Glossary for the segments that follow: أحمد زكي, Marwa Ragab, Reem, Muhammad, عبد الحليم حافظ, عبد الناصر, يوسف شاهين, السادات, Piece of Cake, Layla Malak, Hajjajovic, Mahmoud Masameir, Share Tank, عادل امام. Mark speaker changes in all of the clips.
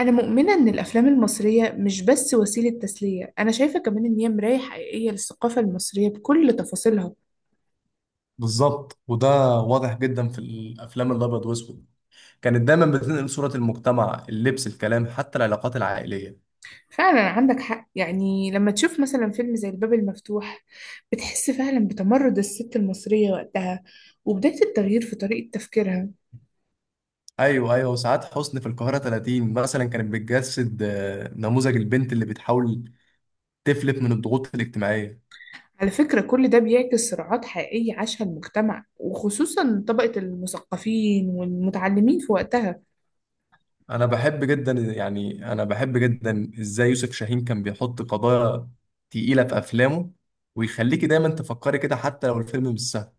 Speaker 1: أنا مؤمنة إن الأفلام المصرية مش بس وسيلة تسلية، أنا شايفة كمان إن هي مراية حقيقية للثقافة المصرية بكل تفاصيلها.
Speaker 2: بالظبط، وده واضح جدا في الافلام الابيض واسود. كانت دايما بتنقل صوره المجتمع، اللبس، الكلام، حتى العلاقات العائليه.
Speaker 1: فعلا عندك حق، يعني لما تشوف مثلا فيلم زي الباب المفتوح بتحس فعلا بتمرد الست المصرية وقتها وبداية التغيير في طريقة تفكيرها.
Speaker 2: ايوه وساعات حسن في القاهره 30 مثلا كانت بتجسد نموذج البنت اللي بتحاول تفلت من الضغوط الاجتماعيه.
Speaker 1: على فكرة كل ده بيعكس صراعات حقيقية عاشها المجتمع وخصوصا طبقة المثقفين والمتعلمين في وقتها.
Speaker 2: انا بحب جدا ازاي يوسف شاهين كان بيحط قضايا تقيله في افلامه ويخليكي دايما تفكري كده حتى لو الفيلم مش سهل.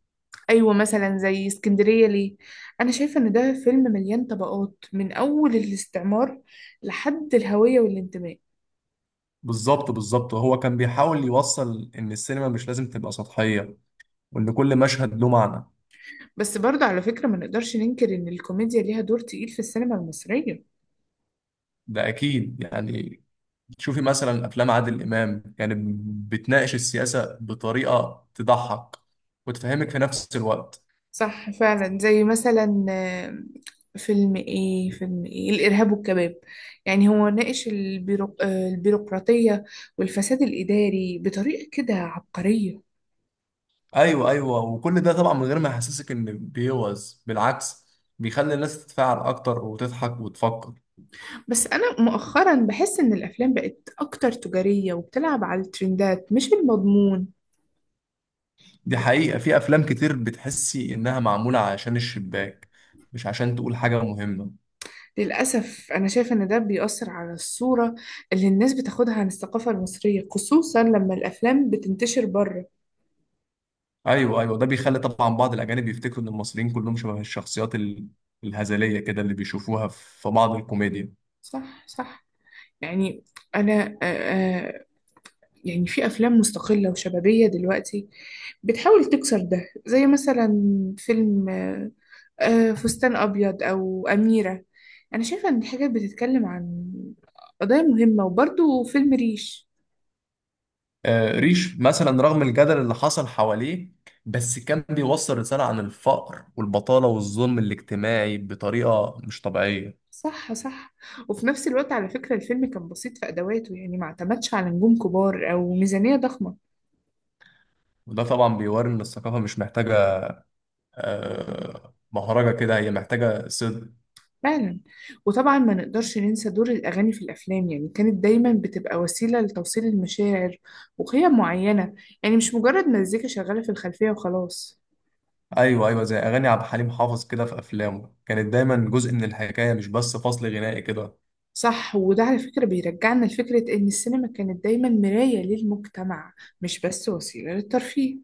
Speaker 1: ايوه مثلا زي اسكندريه ليه، انا شايفه ان ده فيلم مليان طبقات من اول الاستعمار لحد الهويه والانتماء.
Speaker 2: بالظبط هو كان بيحاول يوصل ان السينما مش لازم تبقى سطحيه وان كل مشهد له معنى.
Speaker 1: بس برضه على فكره ما نقدرش ننكر ان الكوميديا ليها دور تقيل في السينما المصريه.
Speaker 2: ده اكيد. يعني تشوفي مثلا افلام عادل امام، يعني بتناقش السياسه بطريقه تضحك وتفهمك في نفس الوقت.
Speaker 1: صح فعلا، زي مثلا فيلم الارهاب والكباب. يعني هو ناقش البيروقراطيه والفساد الاداري بطريقه كده عبقريه.
Speaker 2: ايوه وكل ده طبعا من غير ما يحسسك ان بيوز، بالعكس، بيخلي الناس تتفاعل اكتر وتضحك وتفكر.
Speaker 1: بس أنا مؤخرا بحس إن الأفلام بقت أكتر تجارية وبتلعب على الترندات مش المضمون.
Speaker 2: دي حقيقه، في افلام كتير بتحسي انها معموله عشان الشباك مش عشان تقول حاجه مهمه.
Speaker 1: للأسف أنا شايفة إن ده بيأثر على الصورة اللي الناس بتاخدها عن الثقافة المصرية خصوصا لما الأفلام بتنتشر بره.
Speaker 2: ايوه ده بيخلي طبعا بعض الاجانب يفتكروا ان المصريين كلهم شبه الشخصيات الهزليه كده اللي بيشوفوها في بعض الكوميديا.
Speaker 1: صح، صح. يعني أنا، يعني في أفلام مستقلة وشبابية دلوقتي بتحاول تكسر ده زي مثلا فيلم فستان أبيض أو أميرة. أنا شايفة إن الحاجات بتتكلم عن قضايا مهمة وبرضه فيلم ريش.
Speaker 2: آه، ريش مثلا رغم الجدل اللي حصل حواليه بس كان بيوصل رساله عن الفقر والبطاله والظلم الاجتماعي بطريقه مش طبيعيه.
Speaker 1: صح، صح. وفي نفس الوقت على فكرة الفيلم كان بسيط في أدواته يعني ما اعتمدش على نجوم كبار أو ميزانية ضخمة.
Speaker 2: وده طبعا بيوري ان الثقافه مش محتاجه آه مهرجه كده، هي محتاجه صدق.
Speaker 1: فعلا. وطبعا ما نقدرش ننسى دور الأغاني في الأفلام، يعني كانت دايما بتبقى وسيلة لتوصيل المشاعر وقيم معينة، يعني مش مجرد مزيكا شغالة في الخلفية وخلاص.
Speaker 2: ايوه زي اغاني عبد الحليم حافظ كده في افلامه كانت دايما جزء من الحكايه، مش بس فصل غنائي كده.
Speaker 1: صح. وده على فكرة بيرجعنا لفكرة إن السينما كانت دايما مراية للمجتمع مش بس وسيلة للترفيه.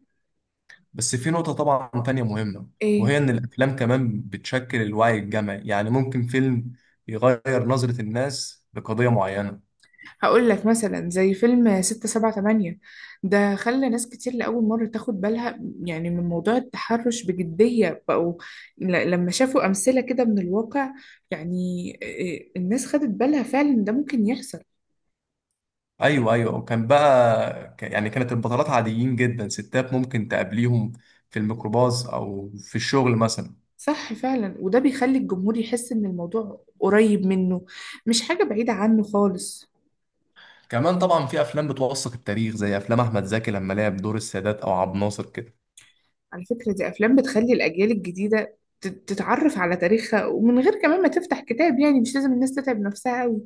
Speaker 2: بس في نقطة طبعا تانية مهمة،
Speaker 1: إيه؟
Speaker 2: وهي إن الأفلام كمان بتشكل الوعي الجمعي، يعني ممكن فيلم يغير نظرة الناس لقضية معينة.
Speaker 1: هقول لك مثلا زي فيلم ستة سبعة تمانية، ده خلى ناس كتير لأول مرة تاخد بالها يعني من موضوع التحرش بجدية بقوا لما شافوا أمثلة كده من الواقع. يعني إيه، الناس خدت بالها فعلا ده ممكن يحصل.
Speaker 2: أيوة وكان بقى كانت البطلات عاديين جدا، ستات ممكن تقابليهم في الميكروباص أو في الشغل مثلا.
Speaker 1: صح فعلا. وده بيخلي الجمهور يحس إن الموضوع قريب منه مش حاجة بعيدة عنه خالص.
Speaker 2: كمان طبعا في أفلام بتوثق التاريخ زي أفلام أحمد زكي لما لعب دور السادات أو عبد الناصر كده.
Speaker 1: على فكرة دي أفلام بتخلي الأجيال الجديدة تتعرف على تاريخها ومن غير كمان ما تفتح كتاب، يعني مش لازم الناس تتعب نفسها أوي.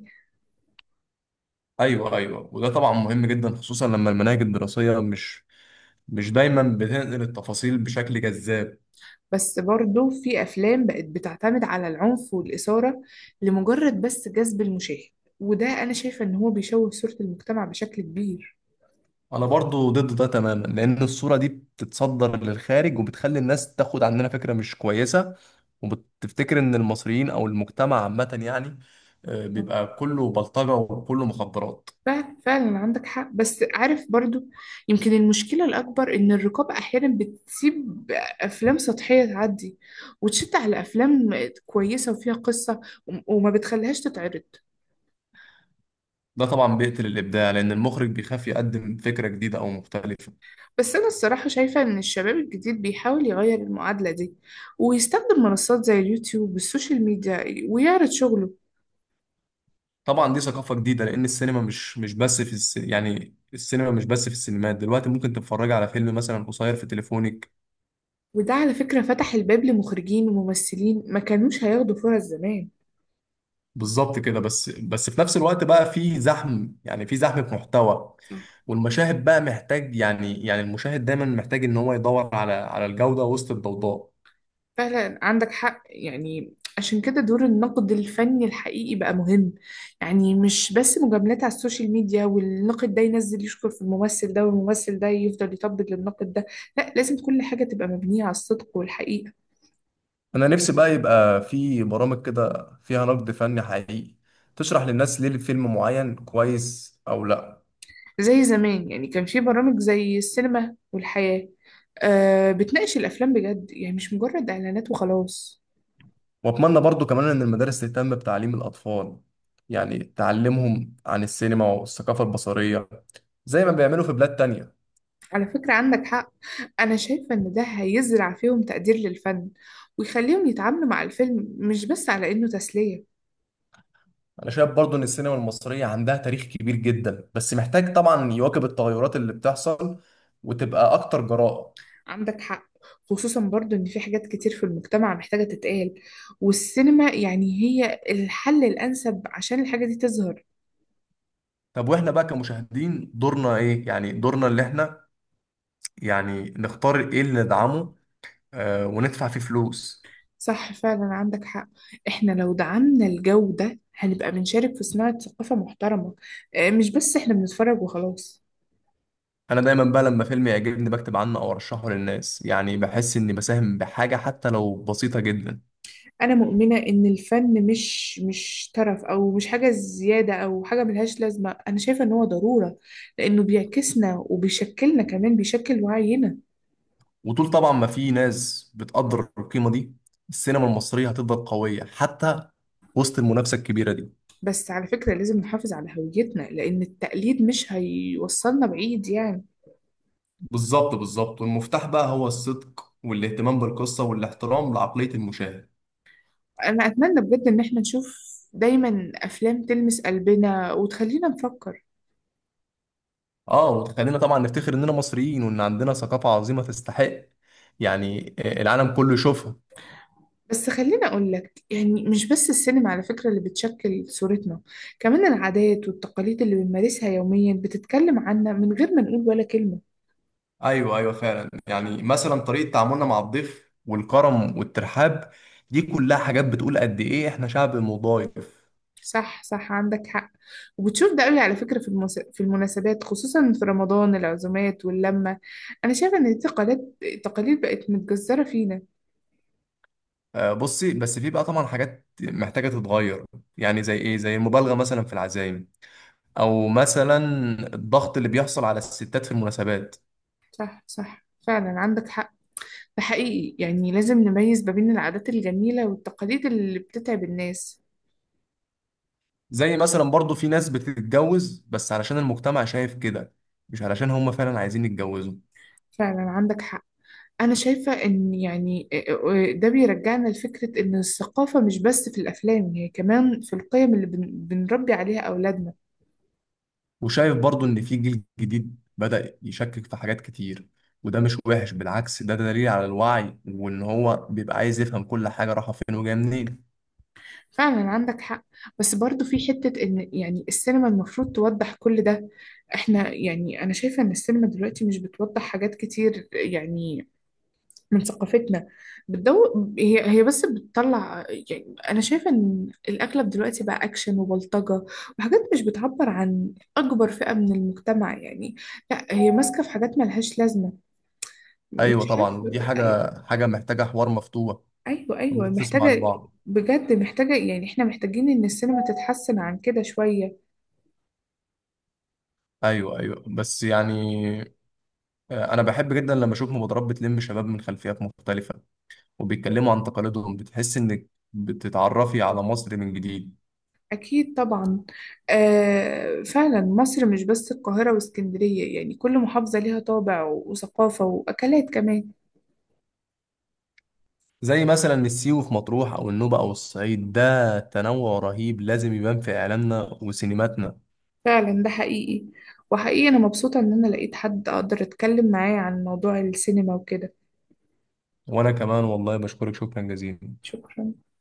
Speaker 2: أيوة وده طبعا مهم جدا، خصوصا لما المناهج الدراسية مش دايما بتنقل التفاصيل بشكل جذاب.
Speaker 1: بس برضه في أفلام بقت بتعتمد على العنف والإثارة لمجرد بس جذب المشاهد، وده أنا شايفة إن هو بيشوه صورة المجتمع بشكل كبير.
Speaker 2: انا برضو ضد ده تماما لان الصورة دي بتتصدر للخارج وبتخلي الناس تاخد عننا فكرة مش كويسة، وبتفتكر ان المصريين او المجتمع عامة يعني بيبقى كله بلطجة وكله مخدرات.
Speaker 1: فعلا، فعلا عندك حق. بس عارف برضو يمكن المشكلة الأكبر إن الرقابة أحيانا بتسيب أفلام سطحية تعدي وتشد على أفلام كويسة وفيها قصة، وما بتخليهاش تتعرض.
Speaker 2: ده طبعا بيقتل الابداع لان المخرج بيخاف يقدم فكرة جديدة او مختلفة.
Speaker 1: بس أنا الصراحة شايفة إن الشباب الجديد بيحاول يغير المعادلة دي ويستخدم منصات زي اليوتيوب والسوشيال ميديا ويعرض شغله.
Speaker 2: طبعا دي ثقافة جديدة، لان السينما مش بس في يعني السينما مش بس في السينمات، دلوقتي ممكن تتفرج على فيلم مثلا قصير في تليفونك.
Speaker 1: وده على فكرة فتح الباب لمخرجين وممثلين ما كانوش هياخدوا فرص زمان.
Speaker 2: بالظبط كده. بس في نفس الوقت بقى في زحم، يعني في زحمة محتوى.
Speaker 1: صح
Speaker 2: والمشاهد بقى محتاج، المشاهد دايما محتاج ان هو يدور على الجودة وسط الضوضاء.
Speaker 1: فعلا عندك حق. يعني عشان كده دور النقد الفني الحقيقي بقى مهم، يعني مش بس مجاملات على السوشيال ميديا والناقد ده ينزل يشكر في الممثل ده والممثل ده يفضل يطبل للناقد ده. لا، لازم كل حاجة تبقى مبنية على الصدق والحقيقة.
Speaker 2: انا نفسي بقى يبقى في برامج كده فيها نقد فني حقيقي تشرح للناس ليه الفيلم معين كويس او لا.
Speaker 1: زي زمان يعني كان في برامج زي السينما والحياة، بتناقش الأفلام بجد، يعني مش مجرد إعلانات وخلاص.
Speaker 2: واتمنى برضو كمان ان المدارس تهتم بتعليم الاطفال، يعني تعلمهم عن السينما والثقافة البصرية زي ما بيعملوا في بلاد تانية.
Speaker 1: على فكرة عندك حق، أنا شايفة إن ده هيزرع فيهم تقدير للفن ويخليهم يتعاملوا مع الفيلم مش بس على إنه تسلية.
Speaker 2: انا شايف برضو ان السينما المصريه عندها تاريخ كبير جدا بس محتاج طبعا يواكب التغيرات اللي بتحصل وتبقى اكتر جراءه.
Speaker 1: عندك حق، خصوصا برضو إن في حاجات كتير في المجتمع محتاجة تتقال، والسينما يعني هي الحل الأنسب عشان الحاجة دي تظهر.
Speaker 2: طب واحنا بقى كمشاهدين دورنا ايه؟ يعني دورنا اللي احنا يعني نختار ايه اللي ندعمه وندفع فيه فلوس.
Speaker 1: صح فعلا عندك حق. احنا لو دعمنا الجو ده هنبقى بنشارك في صناعة ثقافة محترمة، مش بس احنا بنتفرج وخلاص.
Speaker 2: انا دايما بقى لما فيلم يعجبني بكتب عنه او ارشحه للناس، يعني بحس اني بساهم بحاجه حتى لو بسيطه جدا.
Speaker 1: انا مؤمنة ان الفن مش ترف او مش حاجة زيادة او حاجة ملهاش لازمة، انا شايفة ان هو ضرورة لانه بيعكسنا وبيشكلنا، كمان بيشكل وعينا.
Speaker 2: وطول طبعا ما في ناس بتقدر القيمه دي، السينما المصريه هتفضل قويه حتى وسط المنافسه الكبيره دي.
Speaker 1: بس على فكرة لازم نحافظ على هويتنا لان التقليد مش هيوصلنا بعيد يعني.
Speaker 2: بالظبط والمفتاح بقى هو الصدق والاهتمام بالقصة والاحترام لعقلية المشاهد.
Speaker 1: انا اتمنى بجد ان احنا نشوف دايما افلام تلمس قلبنا وتخلينا نفكر.
Speaker 2: اه وتخلينا طبعا نفتخر اننا مصريين وان عندنا ثقافة عظيمة تستحق العالم كله يشوفها.
Speaker 1: بس خليني أقول لك، يعني مش بس السينما على فكرة اللي بتشكل صورتنا، كمان العادات والتقاليد اللي بنمارسها يوميا بتتكلم عنا من غير ما نقول ولا كلمة.
Speaker 2: أيوه فعلا، يعني مثلا طريقة تعاملنا مع الضيف والكرم والترحاب، دي كلها حاجات بتقول قد ايه احنا شعب مضايف.
Speaker 1: صح، صح عندك حق. وبتشوف ده قوي على فكرة في في المناسبات، خصوصا في رمضان، العزومات واللمة. أنا شايفة إن التقاليد التقاليد بقت متجذرة فينا.
Speaker 2: بصي، بس في بقى طبعا حاجات محتاجة تتغير. يعني زي ايه؟ زي المبالغة مثلا في العزايم، او مثلا الضغط اللي بيحصل على الستات في المناسبات.
Speaker 1: صح، صح فعلا عندك حق. ده حقيقي يعني لازم نميز ما بين العادات الجميلة والتقاليد اللي بتتعب الناس.
Speaker 2: زي مثلا برضو في ناس بتتجوز بس علشان المجتمع شايف كده، مش علشان هم فعلا عايزين يتجوزوا.
Speaker 1: فعلا عندك حق. أنا شايفة إن يعني ده بيرجعنا لفكرة إن الثقافة مش بس في الأفلام، هي كمان في القيم اللي بنربي عليها أولادنا.
Speaker 2: وشايف برضو ان في جيل جديد بدأ يشكك في حاجات كتير، وده مش وحش، بالعكس ده دليل على الوعي وان هو بيبقى عايز يفهم كل حاجة رايحة فين وجاية منين.
Speaker 1: فعلا عندك حق. بس برضو في حتة إن يعني السينما المفروض توضح كل ده. إحنا يعني أنا شايفة إن السينما دلوقتي مش بتوضح حاجات كتير يعني من ثقافتنا. بتدو هي بس بتطلع، يعني انا شايفه ان الاغلب دلوقتي بقى اكشن وبلطجه وحاجات مش بتعبر عن اكبر فئه من المجتمع يعني. لا هي ماسكه في حاجات ملهاش لازمه،
Speaker 2: ايوه
Speaker 1: مش
Speaker 2: طبعا، ودي
Speaker 1: عارفه
Speaker 2: حاجة
Speaker 1: أي-
Speaker 2: حاجة محتاجة حوار مفتوح
Speaker 1: ايوه، ايوه
Speaker 2: والناس تسمع
Speaker 1: محتاجه.
Speaker 2: لبعض.
Speaker 1: بجد محتاجه، يعني احنا محتاجين ان السينما تتحسن عن كده شويه.
Speaker 2: ايوه بس يعني انا بحب جدا لما اشوف مبادرات بتلم شباب من خلفيات مختلفة وبيتكلموا عن تقاليدهم، بتحس انك بتتعرفي على مصر من جديد.
Speaker 1: اكيد طبعا. آه فعلا، مصر مش بس القاهره واسكندريه، يعني كل محافظه ليها طابع وثقافه واكلات كمان.
Speaker 2: زي مثلا السيوي في مطروح او النوبة او الصعيد، ده تنوع رهيب لازم يبان في اعلامنا وسينماتنا.
Speaker 1: فعلا ده حقيقي. وحقيقي أنا مبسوطة إن أنا لقيت حد أقدر أتكلم معاه عن موضوع السينما وكده.
Speaker 2: وانا كمان والله بشكرك شكرا جزيلا.
Speaker 1: شكرا.